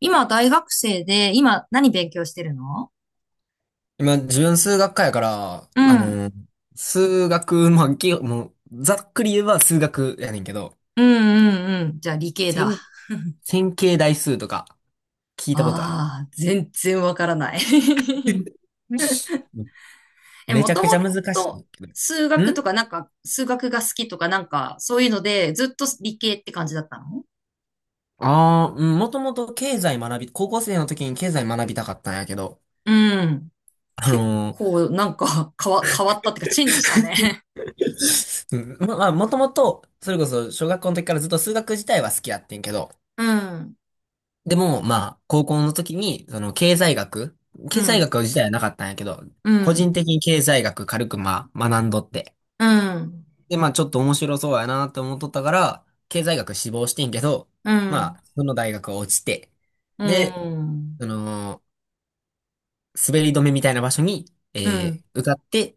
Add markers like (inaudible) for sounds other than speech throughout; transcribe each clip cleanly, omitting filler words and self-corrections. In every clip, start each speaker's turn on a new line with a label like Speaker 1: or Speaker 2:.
Speaker 1: 今は大学生で、今何勉強してるの？
Speaker 2: 今、自分数学科やから、
Speaker 1: うん。
Speaker 2: 数学、まあ、きもう、ざっくり言えば数学やねんけど、
Speaker 1: うんうんうん。じゃあ理系だ。
Speaker 2: 線、線形代数とか聞いたことある。
Speaker 1: ああ、全然わからない。 (laughs)
Speaker 2: (laughs)
Speaker 1: え、
Speaker 2: め
Speaker 1: も
Speaker 2: ちゃ
Speaker 1: と
Speaker 2: くちゃ
Speaker 1: も
Speaker 2: 難し
Speaker 1: と
Speaker 2: いけど。
Speaker 1: 数学と
Speaker 2: ん
Speaker 1: かなんか、数学が好きとかなんか、そういうので、ずっと理系って感じだったの？
Speaker 2: もともと経済学び、高校生の時に経済学びたかったんやけど、
Speaker 1: うん。
Speaker 2: あの
Speaker 1: 結
Speaker 2: ー、
Speaker 1: 構なんか変わったっていうか、チェンジしたね。
Speaker 2: (laughs) うん、まあ、もともと、それこそ小学校の時からずっと数学自体は好きやってんけど、
Speaker 1: (laughs) うん。
Speaker 2: でも、まあ、高校の時に、
Speaker 1: う
Speaker 2: 経済
Speaker 1: ん。
Speaker 2: 学自体はなかったんやけど、
Speaker 1: う
Speaker 2: 個
Speaker 1: ん。
Speaker 2: 人的に経済学軽く、まあ、学んどって。
Speaker 1: うん。
Speaker 2: で、まあ、ちょっと面白そうやなって思っとったから、経済学志望してんけど、
Speaker 1: う
Speaker 2: ま
Speaker 1: ん。
Speaker 2: あ、その大学は落ちて、
Speaker 1: う
Speaker 2: で、
Speaker 1: ん。
Speaker 2: その、滑り止めみたいな場所に、
Speaker 1: うん。
Speaker 2: 受かって、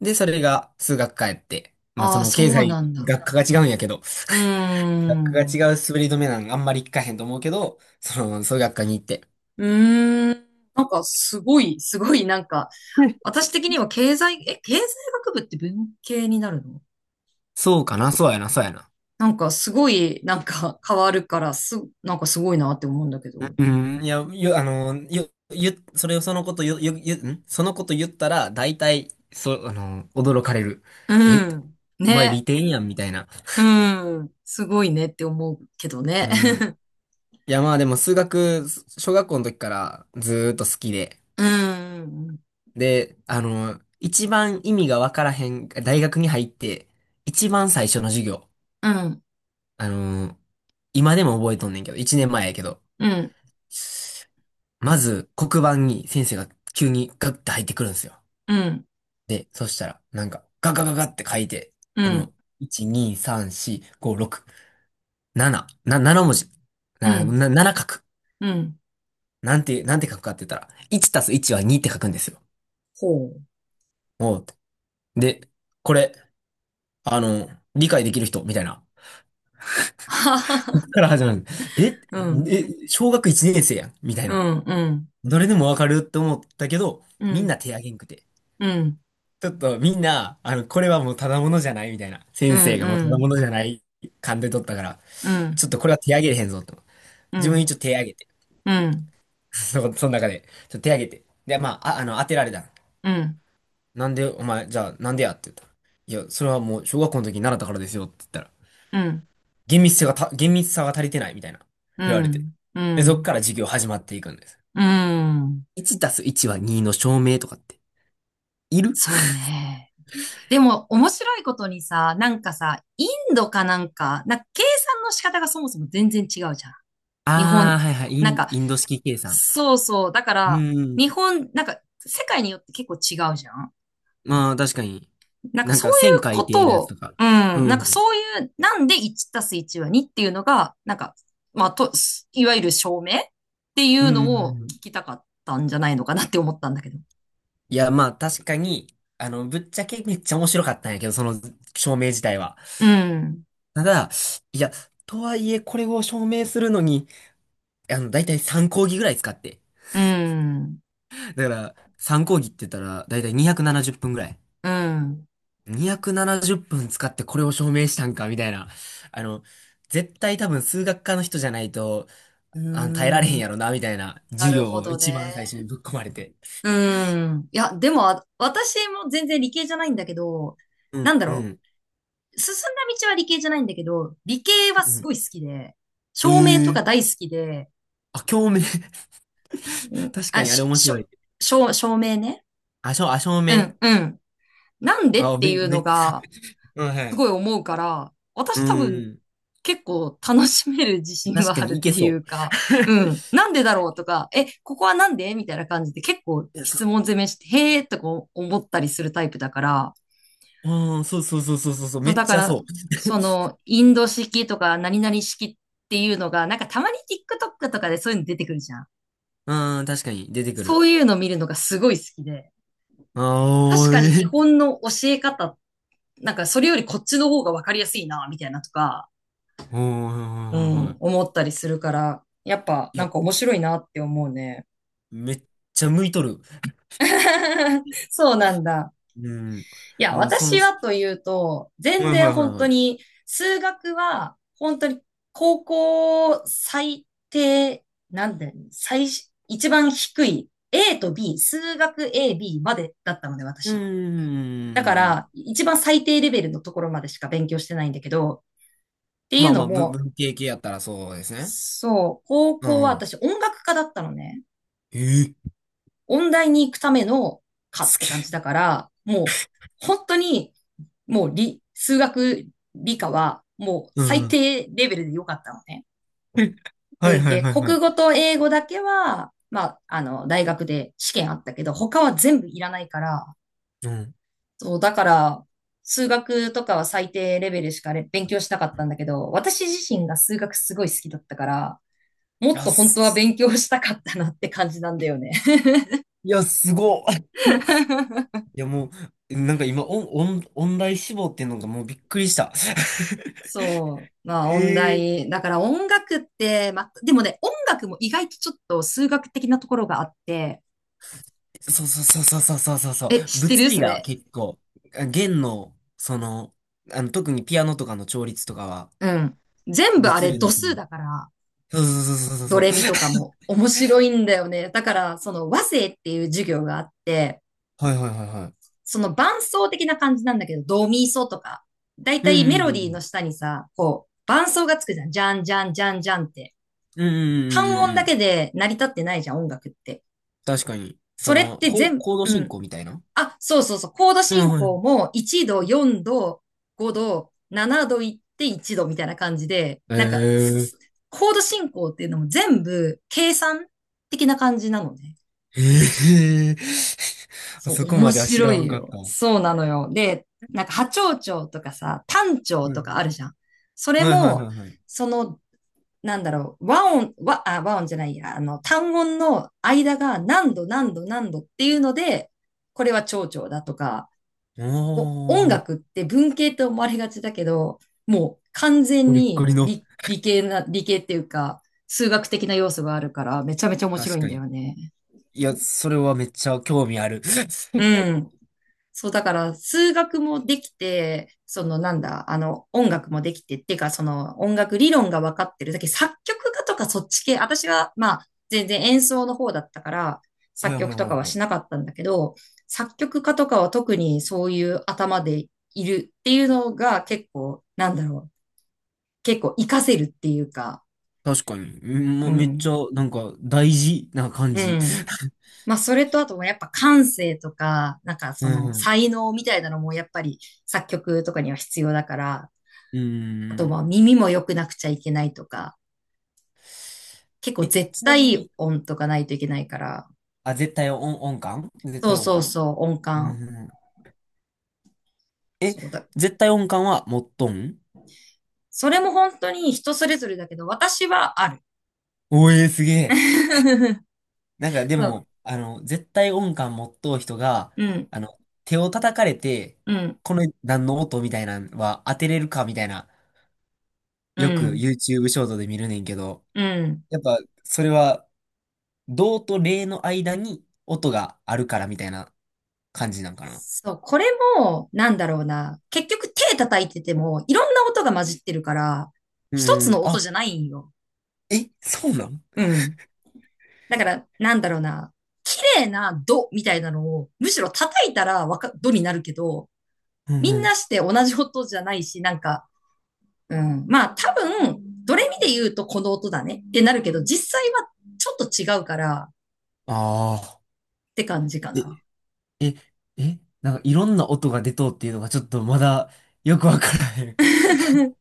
Speaker 2: で、それが数学科やって、まあ、
Speaker 1: あ
Speaker 2: そ
Speaker 1: あ、
Speaker 2: の、
Speaker 1: そ
Speaker 2: 経
Speaker 1: う
Speaker 2: 済
Speaker 1: なんだ。
Speaker 2: 学科が違うんやけど、
Speaker 1: うー
Speaker 2: (laughs) 学科が
Speaker 1: ん。
Speaker 2: 違う滑り止めなんあんまり聞かへんと思うけど、その、数学科に行って、
Speaker 1: うーん。なんか、すごい、なんか、私的には経済学部って文系になるの？
Speaker 2: そうかな、そうやな、そうやな。
Speaker 1: なんか、すごい、なんか、変わるから、なんかすごいなって思うんだけど。
Speaker 2: うん、うん、いや、よ、あの、よ、よ、それをそのこと、よ、よ、よ、んそのこと言ったら、大体、そう、驚かれる。
Speaker 1: う
Speaker 2: え、
Speaker 1: ん。
Speaker 2: お前
Speaker 1: ね。
Speaker 2: 利点やん、みたいな。
Speaker 1: うん。すごいねって思うけど
Speaker 2: う
Speaker 1: ね。
Speaker 2: ん。いや、まあでも数学、小学校の時からずーっと好きで。
Speaker 1: (laughs) うん。
Speaker 2: で、一番意味がわからへん、大学に入って、一番最初の授業。
Speaker 1: うん、
Speaker 2: あの、今でも覚えとんねんけど、一年前やけど。
Speaker 1: うん、
Speaker 2: まず、黒板に先生が急にガッて入ってくるんですよ。
Speaker 1: うん、
Speaker 2: で、そしたら、なんか、ガガガガって書いて、
Speaker 1: う
Speaker 2: あの、
Speaker 1: ん、
Speaker 2: 1、2、3、4、5、6、7、7文字。
Speaker 1: うん、
Speaker 2: 7書く。
Speaker 1: うん。
Speaker 2: なんて書くかって言ったら、1たす1は2って書くんですよ。
Speaker 1: ほう。
Speaker 2: おう。で、これ、あの、理解できる人、みたいな。
Speaker 1: (laughs) はは
Speaker 2: こっか
Speaker 1: は。
Speaker 2: ら始まる。え、
Speaker 1: うん、
Speaker 2: 小学1年生やん、みたい
Speaker 1: う
Speaker 2: な。
Speaker 1: ん、うん、
Speaker 2: どれでもわかるって思ったけど、
Speaker 1: う
Speaker 2: みん
Speaker 1: ん、
Speaker 2: な手挙げんくて。
Speaker 1: うん、
Speaker 2: ちょっとみんな、これはもうただものじゃないみたいな。
Speaker 1: うん、
Speaker 2: 先生がもう
Speaker 1: う
Speaker 2: ただも
Speaker 1: ん、
Speaker 2: のじゃない勘で取ったから、
Speaker 1: う
Speaker 2: ち
Speaker 1: ん、
Speaker 2: ょっとこれは手上げれへんぞと。
Speaker 1: う
Speaker 2: 自分
Speaker 1: ん、
Speaker 2: 一応手上げて。
Speaker 1: うん、
Speaker 2: (laughs) その中で。ちょっと手上げて。で、まあ、当てられた。
Speaker 1: うん。
Speaker 2: なんで、お前、じゃあ、なんでやって言ったら。いや、それはもう小学校の時に習ったからですよって言ったら、
Speaker 1: うん、
Speaker 2: 厳密さが足りてないみたいな。
Speaker 1: う
Speaker 2: 言われて。
Speaker 1: ん、う
Speaker 2: で、そっ
Speaker 1: ん、
Speaker 2: から授業始まっていくんです。
Speaker 1: うん。
Speaker 2: 1たす1は2の証明とかって、いる。
Speaker 1: そうね。でも、面白いことにさ、なんかさ、インドかなんか、なんか計算の仕方がそもそも全然違うじゃん。日
Speaker 2: ああ
Speaker 1: 本、
Speaker 2: ー、はいはい、
Speaker 1: なんか、
Speaker 2: インド式計算。
Speaker 1: そうそう。だか
Speaker 2: う
Speaker 1: ら、
Speaker 2: ー
Speaker 1: 日
Speaker 2: ん。
Speaker 1: 本、なんか、世界によって結構違うじゃん。
Speaker 2: まあ、確かに。
Speaker 1: なんか
Speaker 2: なん
Speaker 1: そ
Speaker 2: か、
Speaker 1: う
Speaker 2: 線
Speaker 1: いう
Speaker 2: 書
Speaker 1: こ
Speaker 2: いてやる
Speaker 1: と
Speaker 2: やつ
Speaker 1: を、
Speaker 2: とか。
Speaker 1: うん、
Speaker 2: う
Speaker 1: なんか
Speaker 2: ん。
Speaker 1: そういう、なんで1たす1は2っていうのが、なんか、まあ、と、いわゆる証明ってい
Speaker 2: う
Speaker 1: うのを
Speaker 2: ん。
Speaker 1: 聞きたかったんじゃないのかなって思ったんだけど。
Speaker 2: いや、まあ、確かに、ぶっちゃけめっちゃ面白かったんやけど、その証明自体は。
Speaker 1: うん。
Speaker 2: ただ、いや、とはいえ、これを証明するのに、だいたい3講義ぐらい使って。
Speaker 1: うん。
Speaker 2: だから、3講義って言ったら、だいたい270分ぐらい。
Speaker 1: うん。
Speaker 2: 270分使ってこれを証明したんか、みたいな。あの、絶対多分数学科の人じゃないと、
Speaker 1: うー
Speaker 2: 耐えられへん
Speaker 1: ん、
Speaker 2: やろな、みたいな
Speaker 1: な
Speaker 2: 授
Speaker 1: る
Speaker 2: 業
Speaker 1: ほ
Speaker 2: を
Speaker 1: ど
Speaker 2: 一
Speaker 1: ね。
Speaker 2: 番最初にぶっ込まれて。
Speaker 1: うーん。いや、でも、あ私も全然理系じゃないんだけど、
Speaker 2: う
Speaker 1: な
Speaker 2: ん、
Speaker 1: んだ
Speaker 2: う
Speaker 1: ろ
Speaker 2: ん、
Speaker 1: う。進んだ道は理系じゃないんだけど、理系は
Speaker 2: う
Speaker 1: す
Speaker 2: ん。
Speaker 1: ごい好きで、照明と
Speaker 2: え
Speaker 1: か
Speaker 2: え、
Speaker 1: 大好きで、
Speaker 2: 共鳴。
Speaker 1: う
Speaker 2: (laughs)
Speaker 1: ん、
Speaker 2: 確か
Speaker 1: あ、
Speaker 2: にあれ
Speaker 1: し、
Speaker 2: 面
Speaker 1: し
Speaker 2: 白
Speaker 1: ょ、
Speaker 2: い。
Speaker 1: 照、照明ね。
Speaker 2: あ、しょ、あ、照
Speaker 1: う
Speaker 2: 明。
Speaker 1: ん、うん。なんでっていう
Speaker 2: め
Speaker 1: の
Speaker 2: っちゃ。
Speaker 1: が、
Speaker 2: (laughs) うん、は
Speaker 1: す
Speaker 2: い。
Speaker 1: ごい思うから、
Speaker 2: う
Speaker 1: 私多分
Speaker 2: ん。
Speaker 1: 結構楽しめる自信
Speaker 2: 確
Speaker 1: は
Speaker 2: か
Speaker 1: ある
Speaker 2: にい
Speaker 1: っ
Speaker 2: け
Speaker 1: てい
Speaker 2: そ
Speaker 1: う
Speaker 2: う。
Speaker 1: か、うん、
Speaker 2: (laughs)
Speaker 1: なんでだろうとか、ここはなんでみたいな感じで結構
Speaker 2: いや、そ
Speaker 1: 質問攻めして、へーとか思ったりするタイプだから、
Speaker 2: う、うん、そうそうそうそうそう、そう、
Speaker 1: そ
Speaker 2: め
Speaker 1: う
Speaker 2: っ
Speaker 1: だか
Speaker 2: ちゃ
Speaker 1: ら、
Speaker 2: そう。(laughs)
Speaker 1: その、インド式とか何々式っていうのが、なんかたまに TikTok とかでそういうの出てくるじゃん。
Speaker 2: うん、確かに出てく
Speaker 1: そ
Speaker 2: る。
Speaker 1: ういうの見るのがすごい好きで、
Speaker 2: あ
Speaker 1: 確
Speaker 2: あ、
Speaker 1: かに日本の教え方、なんかそれよりこっちの方がわかりやすいな、みたいなとか、
Speaker 2: うん、はいは
Speaker 1: う
Speaker 2: いはい
Speaker 1: ん、
Speaker 2: は
Speaker 1: 思ったりするから、やっぱ
Speaker 2: い。い
Speaker 1: な
Speaker 2: や、
Speaker 1: んか面白いなって思うね。
Speaker 2: めっちゃ向いとる。
Speaker 1: (laughs) そうなんだ。
Speaker 2: うん。
Speaker 1: いや、
Speaker 2: もう、その、は
Speaker 1: 私はというと、
Speaker 2: い
Speaker 1: 全
Speaker 2: はいは
Speaker 1: 然
Speaker 2: い
Speaker 1: 本
Speaker 2: は
Speaker 1: 当
Speaker 2: い。
Speaker 1: に、数学は本当に高校最低、なんだよね。一番低い A と B、数学 A、B までだったので、
Speaker 2: うー
Speaker 1: 私。だから、
Speaker 2: ん。
Speaker 1: 一番最低レベルのところまでしか勉強してないんだけど、ってい
Speaker 2: ま
Speaker 1: う
Speaker 2: あま
Speaker 1: の
Speaker 2: あ、
Speaker 1: も、
Speaker 2: 文系系やったらそうですね。
Speaker 1: そう、高
Speaker 2: う
Speaker 1: 校は
Speaker 2: ん。
Speaker 1: 私音楽科だったのね。
Speaker 2: ええ、
Speaker 1: 音大に行くための科っ
Speaker 2: す
Speaker 1: て感
Speaker 2: げ
Speaker 1: じだから、もう本当にもう数学理科はも
Speaker 2: え。
Speaker 1: う
Speaker 2: う
Speaker 1: 最
Speaker 2: ん。
Speaker 1: 低レベルで良かったのね。
Speaker 2: (laughs) はい
Speaker 1: 文
Speaker 2: はい
Speaker 1: 系、
Speaker 2: はいは
Speaker 1: 国
Speaker 2: い。
Speaker 1: 語と英語だけは、まあ、あの、大学で試験あったけど、他は全部いらないから、
Speaker 2: うん。い
Speaker 1: そう、だから、数学とかは最低レベルしか勉強したかったんだけど、私自身が数学すごい好きだったから、もっ
Speaker 2: や、
Speaker 1: と本当は
Speaker 2: す、
Speaker 1: 勉強したかったなって感じなんだよね。
Speaker 2: いや、すごっ。(laughs) い
Speaker 1: (laughs)
Speaker 2: や、もう、なんか今、オン、オン、音大志望っていうのがもうびっくりした。(laughs)
Speaker 1: そう。まあ、
Speaker 2: え
Speaker 1: 音
Speaker 2: え、
Speaker 1: 大。だから音楽って、まあ、でもね、音楽も意外とちょっと数学的なところがあって、
Speaker 2: そうそうそうそうそうそうそうそう。
Speaker 1: え、知ってる
Speaker 2: 物理
Speaker 1: そ
Speaker 2: が
Speaker 1: れ？
Speaker 2: 結構、弦の、特にピアノとかの調律とかは、
Speaker 1: うん。全部あ
Speaker 2: 物
Speaker 1: れ
Speaker 2: 理の
Speaker 1: 度
Speaker 2: その、
Speaker 1: 数だから、
Speaker 2: そうそうそうそう
Speaker 1: ド
Speaker 2: そ
Speaker 1: レ
Speaker 2: う。
Speaker 1: ミ
Speaker 2: そう、
Speaker 1: とかも面白いんだよね。だから、その和声っていう授業があって、
Speaker 2: はいはいはいはい。
Speaker 1: その伴奏的な感じなんだけど、ドミソとか。だい
Speaker 2: う
Speaker 1: たい
Speaker 2: ん
Speaker 1: メ
Speaker 2: うん
Speaker 1: ロ
Speaker 2: う
Speaker 1: ディーの
Speaker 2: ん。
Speaker 1: 下にさ、こう、伴奏がつくじゃん。じゃんじゃんじゃんじゃんって。
Speaker 2: うんう
Speaker 1: 単
Speaker 2: んうん
Speaker 1: 音
Speaker 2: うんう
Speaker 1: だけ
Speaker 2: ん。
Speaker 1: で成り立ってないじゃん、音楽って。
Speaker 2: 確かに。
Speaker 1: そ
Speaker 2: そ
Speaker 1: れっ
Speaker 2: の、
Speaker 1: て全、
Speaker 2: コード
Speaker 1: う
Speaker 2: 進
Speaker 1: ん、
Speaker 2: 行みたいな。
Speaker 1: あ、そうそうそう。コード
Speaker 2: うん、
Speaker 1: 進
Speaker 2: はい。
Speaker 1: 行も1度、4度、5度、7度行って1度みたいな感じで、なんか、
Speaker 2: ええ
Speaker 1: コード進行っていうのも全部計算的な感じなのね。
Speaker 2: ええ。 (laughs) あ
Speaker 1: そう、
Speaker 2: そこ
Speaker 1: 面
Speaker 2: までは知
Speaker 1: 白
Speaker 2: ら
Speaker 1: い
Speaker 2: んかった。
Speaker 1: よ。
Speaker 2: は
Speaker 1: そうなのよ。で、なんか波長長とかさ、単長とかあるじゃん。そ
Speaker 2: い
Speaker 1: れ
Speaker 2: はいはいはい
Speaker 1: も、
Speaker 2: はいはい。
Speaker 1: その、なんだろう、和音じゃないや、あの、単音の間が何度何度何度っていうので、これは長調だとか、
Speaker 2: お
Speaker 1: 音
Speaker 2: ー、
Speaker 1: 楽って文系と思われがちだけど、もう完全
Speaker 2: ゴリッゴ
Speaker 1: に
Speaker 2: リの。
Speaker 1: 理系っていうか、数学的な要素があるから、めちゃめちゃ面白
Speaker 2: 確
Speaker 1: いん
Speaker 2: か
Speaker 1: だ
Speaker 2: に。
Speaker 1: よね。
Speaker 2: いや、それはめっちゃ興味ある。
Speaker 1: う
Speaker 2: (laughs)
Speaker 1: ん。そう、だから、数学もできて、その、なんだ、あの、音楽もできて、っていうか、その、音楽理論が分かってる。だけど作曲家とかそっち系、私は、まあ、全然演奏の方だったから、
Speaker 2: はい
Speaker 1: 作
Speaker 2: はい
Speaker 1: 曲
Speaker 2: は
Speaker 1: とか
Speaker 2: い
Speaker 1: は
Speaker 2: は
Speaker 1: し
Speaker 2: い。
Speaker 1: なかったんだけど、作曲家とかは特にそういう頭でいるっていうのが結構、なんだろう、結構活かせるっていうか、
Speaker 2: 確かに。うん、も
Speaker 1: う
Speaker 2: うめっち
Speaker 1: ん、
Speaker 2: ゃ、なんか、大事な感
Speaker 1: う
Speaker 2: じ。
Speaker 1: ん。まあ、それとあとはやっぱ感性とか、なんか
Speaker 2: う
Speaker 1: その
Speaker 2: ん
Speaker 1: 才能みたいなのもやっぱり作曲とかには必要だから、
Speaker 2: うん。
Speaker 1: あ
Speaker 2: う
Speaker 1: とま
Speaker 2: ん。
Speaker 1: あ耳も良くなくちゃいけないとか、結構
Speaker 2: え、
Speaker 1: 絶
Speaker 2: ちなみ
Speaker 1: 対
Speaker 2: に、
Speaker 1: 音とかないといけないから、
Speaker 2: 絶対音、音感絶
Speaker 1: そう
Speaker 2: 対音
Speaker 1: そう
Speaker 2: 感。
Speaker 1: そう、音
Speaker 2: うん
Speaker 1: 感。
Speaker 2: うん。え、
Speaker 1: そうだ。
Speaker 2: 絶対音感は持っとん？
Speaker 1: それも本当に人それぞれだけど、私はある。
Speaker 2: おえー、すげえ。
Speaker 1: (laughs)
Speaker 2: なんかで
Speaker 1: そう。
Speaker 2: も、絶対音感持っとう人が、
Speaker 1: うん、
Speaker 2: 手を叩かれて、
Speaker 1: うん、
Speaker 2: この何の音みたいなのは当てれるかみたいな、
Speaker 1: う
Speaker 2: よく
Speaker 1: ん、
Speaker 2: YouTube ショートで見るねんけど、
Speaker 1: うん。
Speaker 2: やっぱそれは、動と霊の間に音があるからみたいな感じなんかな。
Speaker 1: そう、これも、なんだろうな。結局手叩いてても、いろんな音が混じってるから、
Speaker 2: う
Speaker 1: 一つ
Speaker 2: ーん、
Speaker 1: の音じゃないんよ。
Speaker 2: え、そうなん。
Speaker 1: うん。だから、なんだろうな。綺麗なドみたいなのを、むしろ叩いたらドになるけど、
Speaker 2: うん
Speaker 1: み
Speaker 2: う
Speaker 1: ん
Speaker 2: ん。
Speaker 1: なして同じ音じゃないし、なんか、うん。まあ多分、ドレミで言うとこの音だねってなるけど、実際はちょっと違うからっ
Speaker 2: ああ。
Speaker 1: て感じか
Speaker 2: え、
Speaker 1: な。
Speaker 2: え、なんかいろんな音が出とうっていうのがちょっとまだよくわからへん。
Speaker 1: (laughs)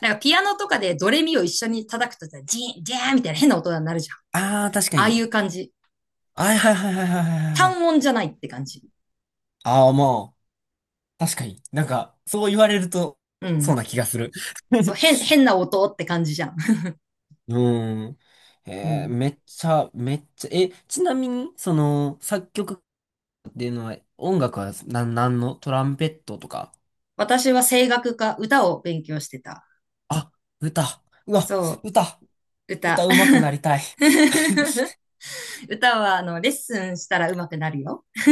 Speaker 1: なんかピアノとかでドレミを一緒に叩くとさ、ジーン、ジャーンみたいな変な音になるじゃん。
Speaker 2: ああ、確か
Speaker 1: ああい
Speaker 2: に。
Speaker 1: う感じ。
Speaker 2: はいはいはいはいはいはいはい。
Speaker 1: 単音じゃないって感じ。
Speaker 2: ああ、まあ、確かに。なんか、そう言われると、
Speaker 1: う
Speaker 2: そう
Speaker 1: ん。
Speaker 2: な気がする。
Speaker 1: そう、
Speaker 2: (laughs)
Speaker 1: 変な音って感じじゃん。
Speaker 2: うん。
Speaker 1: (laughs) うん。
Speaker 2: めっちゃ、めっちゃ、え、ちなみに、その、作曲っていうのは、音楽は、なんのトランペットとか。
Speaker 1: 私は声楽か歌を勉強してた。
Speaker 2: あ、歌。うわ、
Speaker 1: そ
Speaker 2: 歌。
Speaker 1: う、歌。
Speaker 2: 歌上手くなりたい。(laughs)
Speaker 1: (laughs) 歌は、あの、レッスンしたら上手くなるよ。(laughs)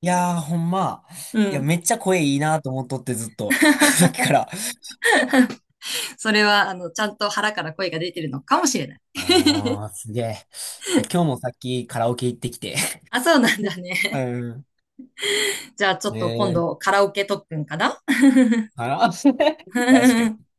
Speaker 2: いやー、ほんま。
Speaker 1: う
Speaker 2: いや、
Speaker 1: ん。
Speaker 2: めっちゃ声いいなと思っとって、ずっと。(laughs) さっきか
Speaker 1: (laughs)
Speaker 2: ら。
Speaker 1: それは、あの、ちゃんと腹から声が出てるのかもしれない。
Speaker 2: おー、すげえ。いや今日もさっきカラオケ行ってきて。
Speaker 1: あ、そうなんだ
Speaker 2: (laughs) う
Speaker 1: ね。
Speaker 2: ん。
Speaker 1: (laughs) じゃあちょっ
Speaker 2: ね
Speaker 1: と今
Speaker 2: え、
Speaker 1: 度カラオケ特訓かな？
Speaker 2: あら。 (laughs) 確か
Speaker 1: (laughs)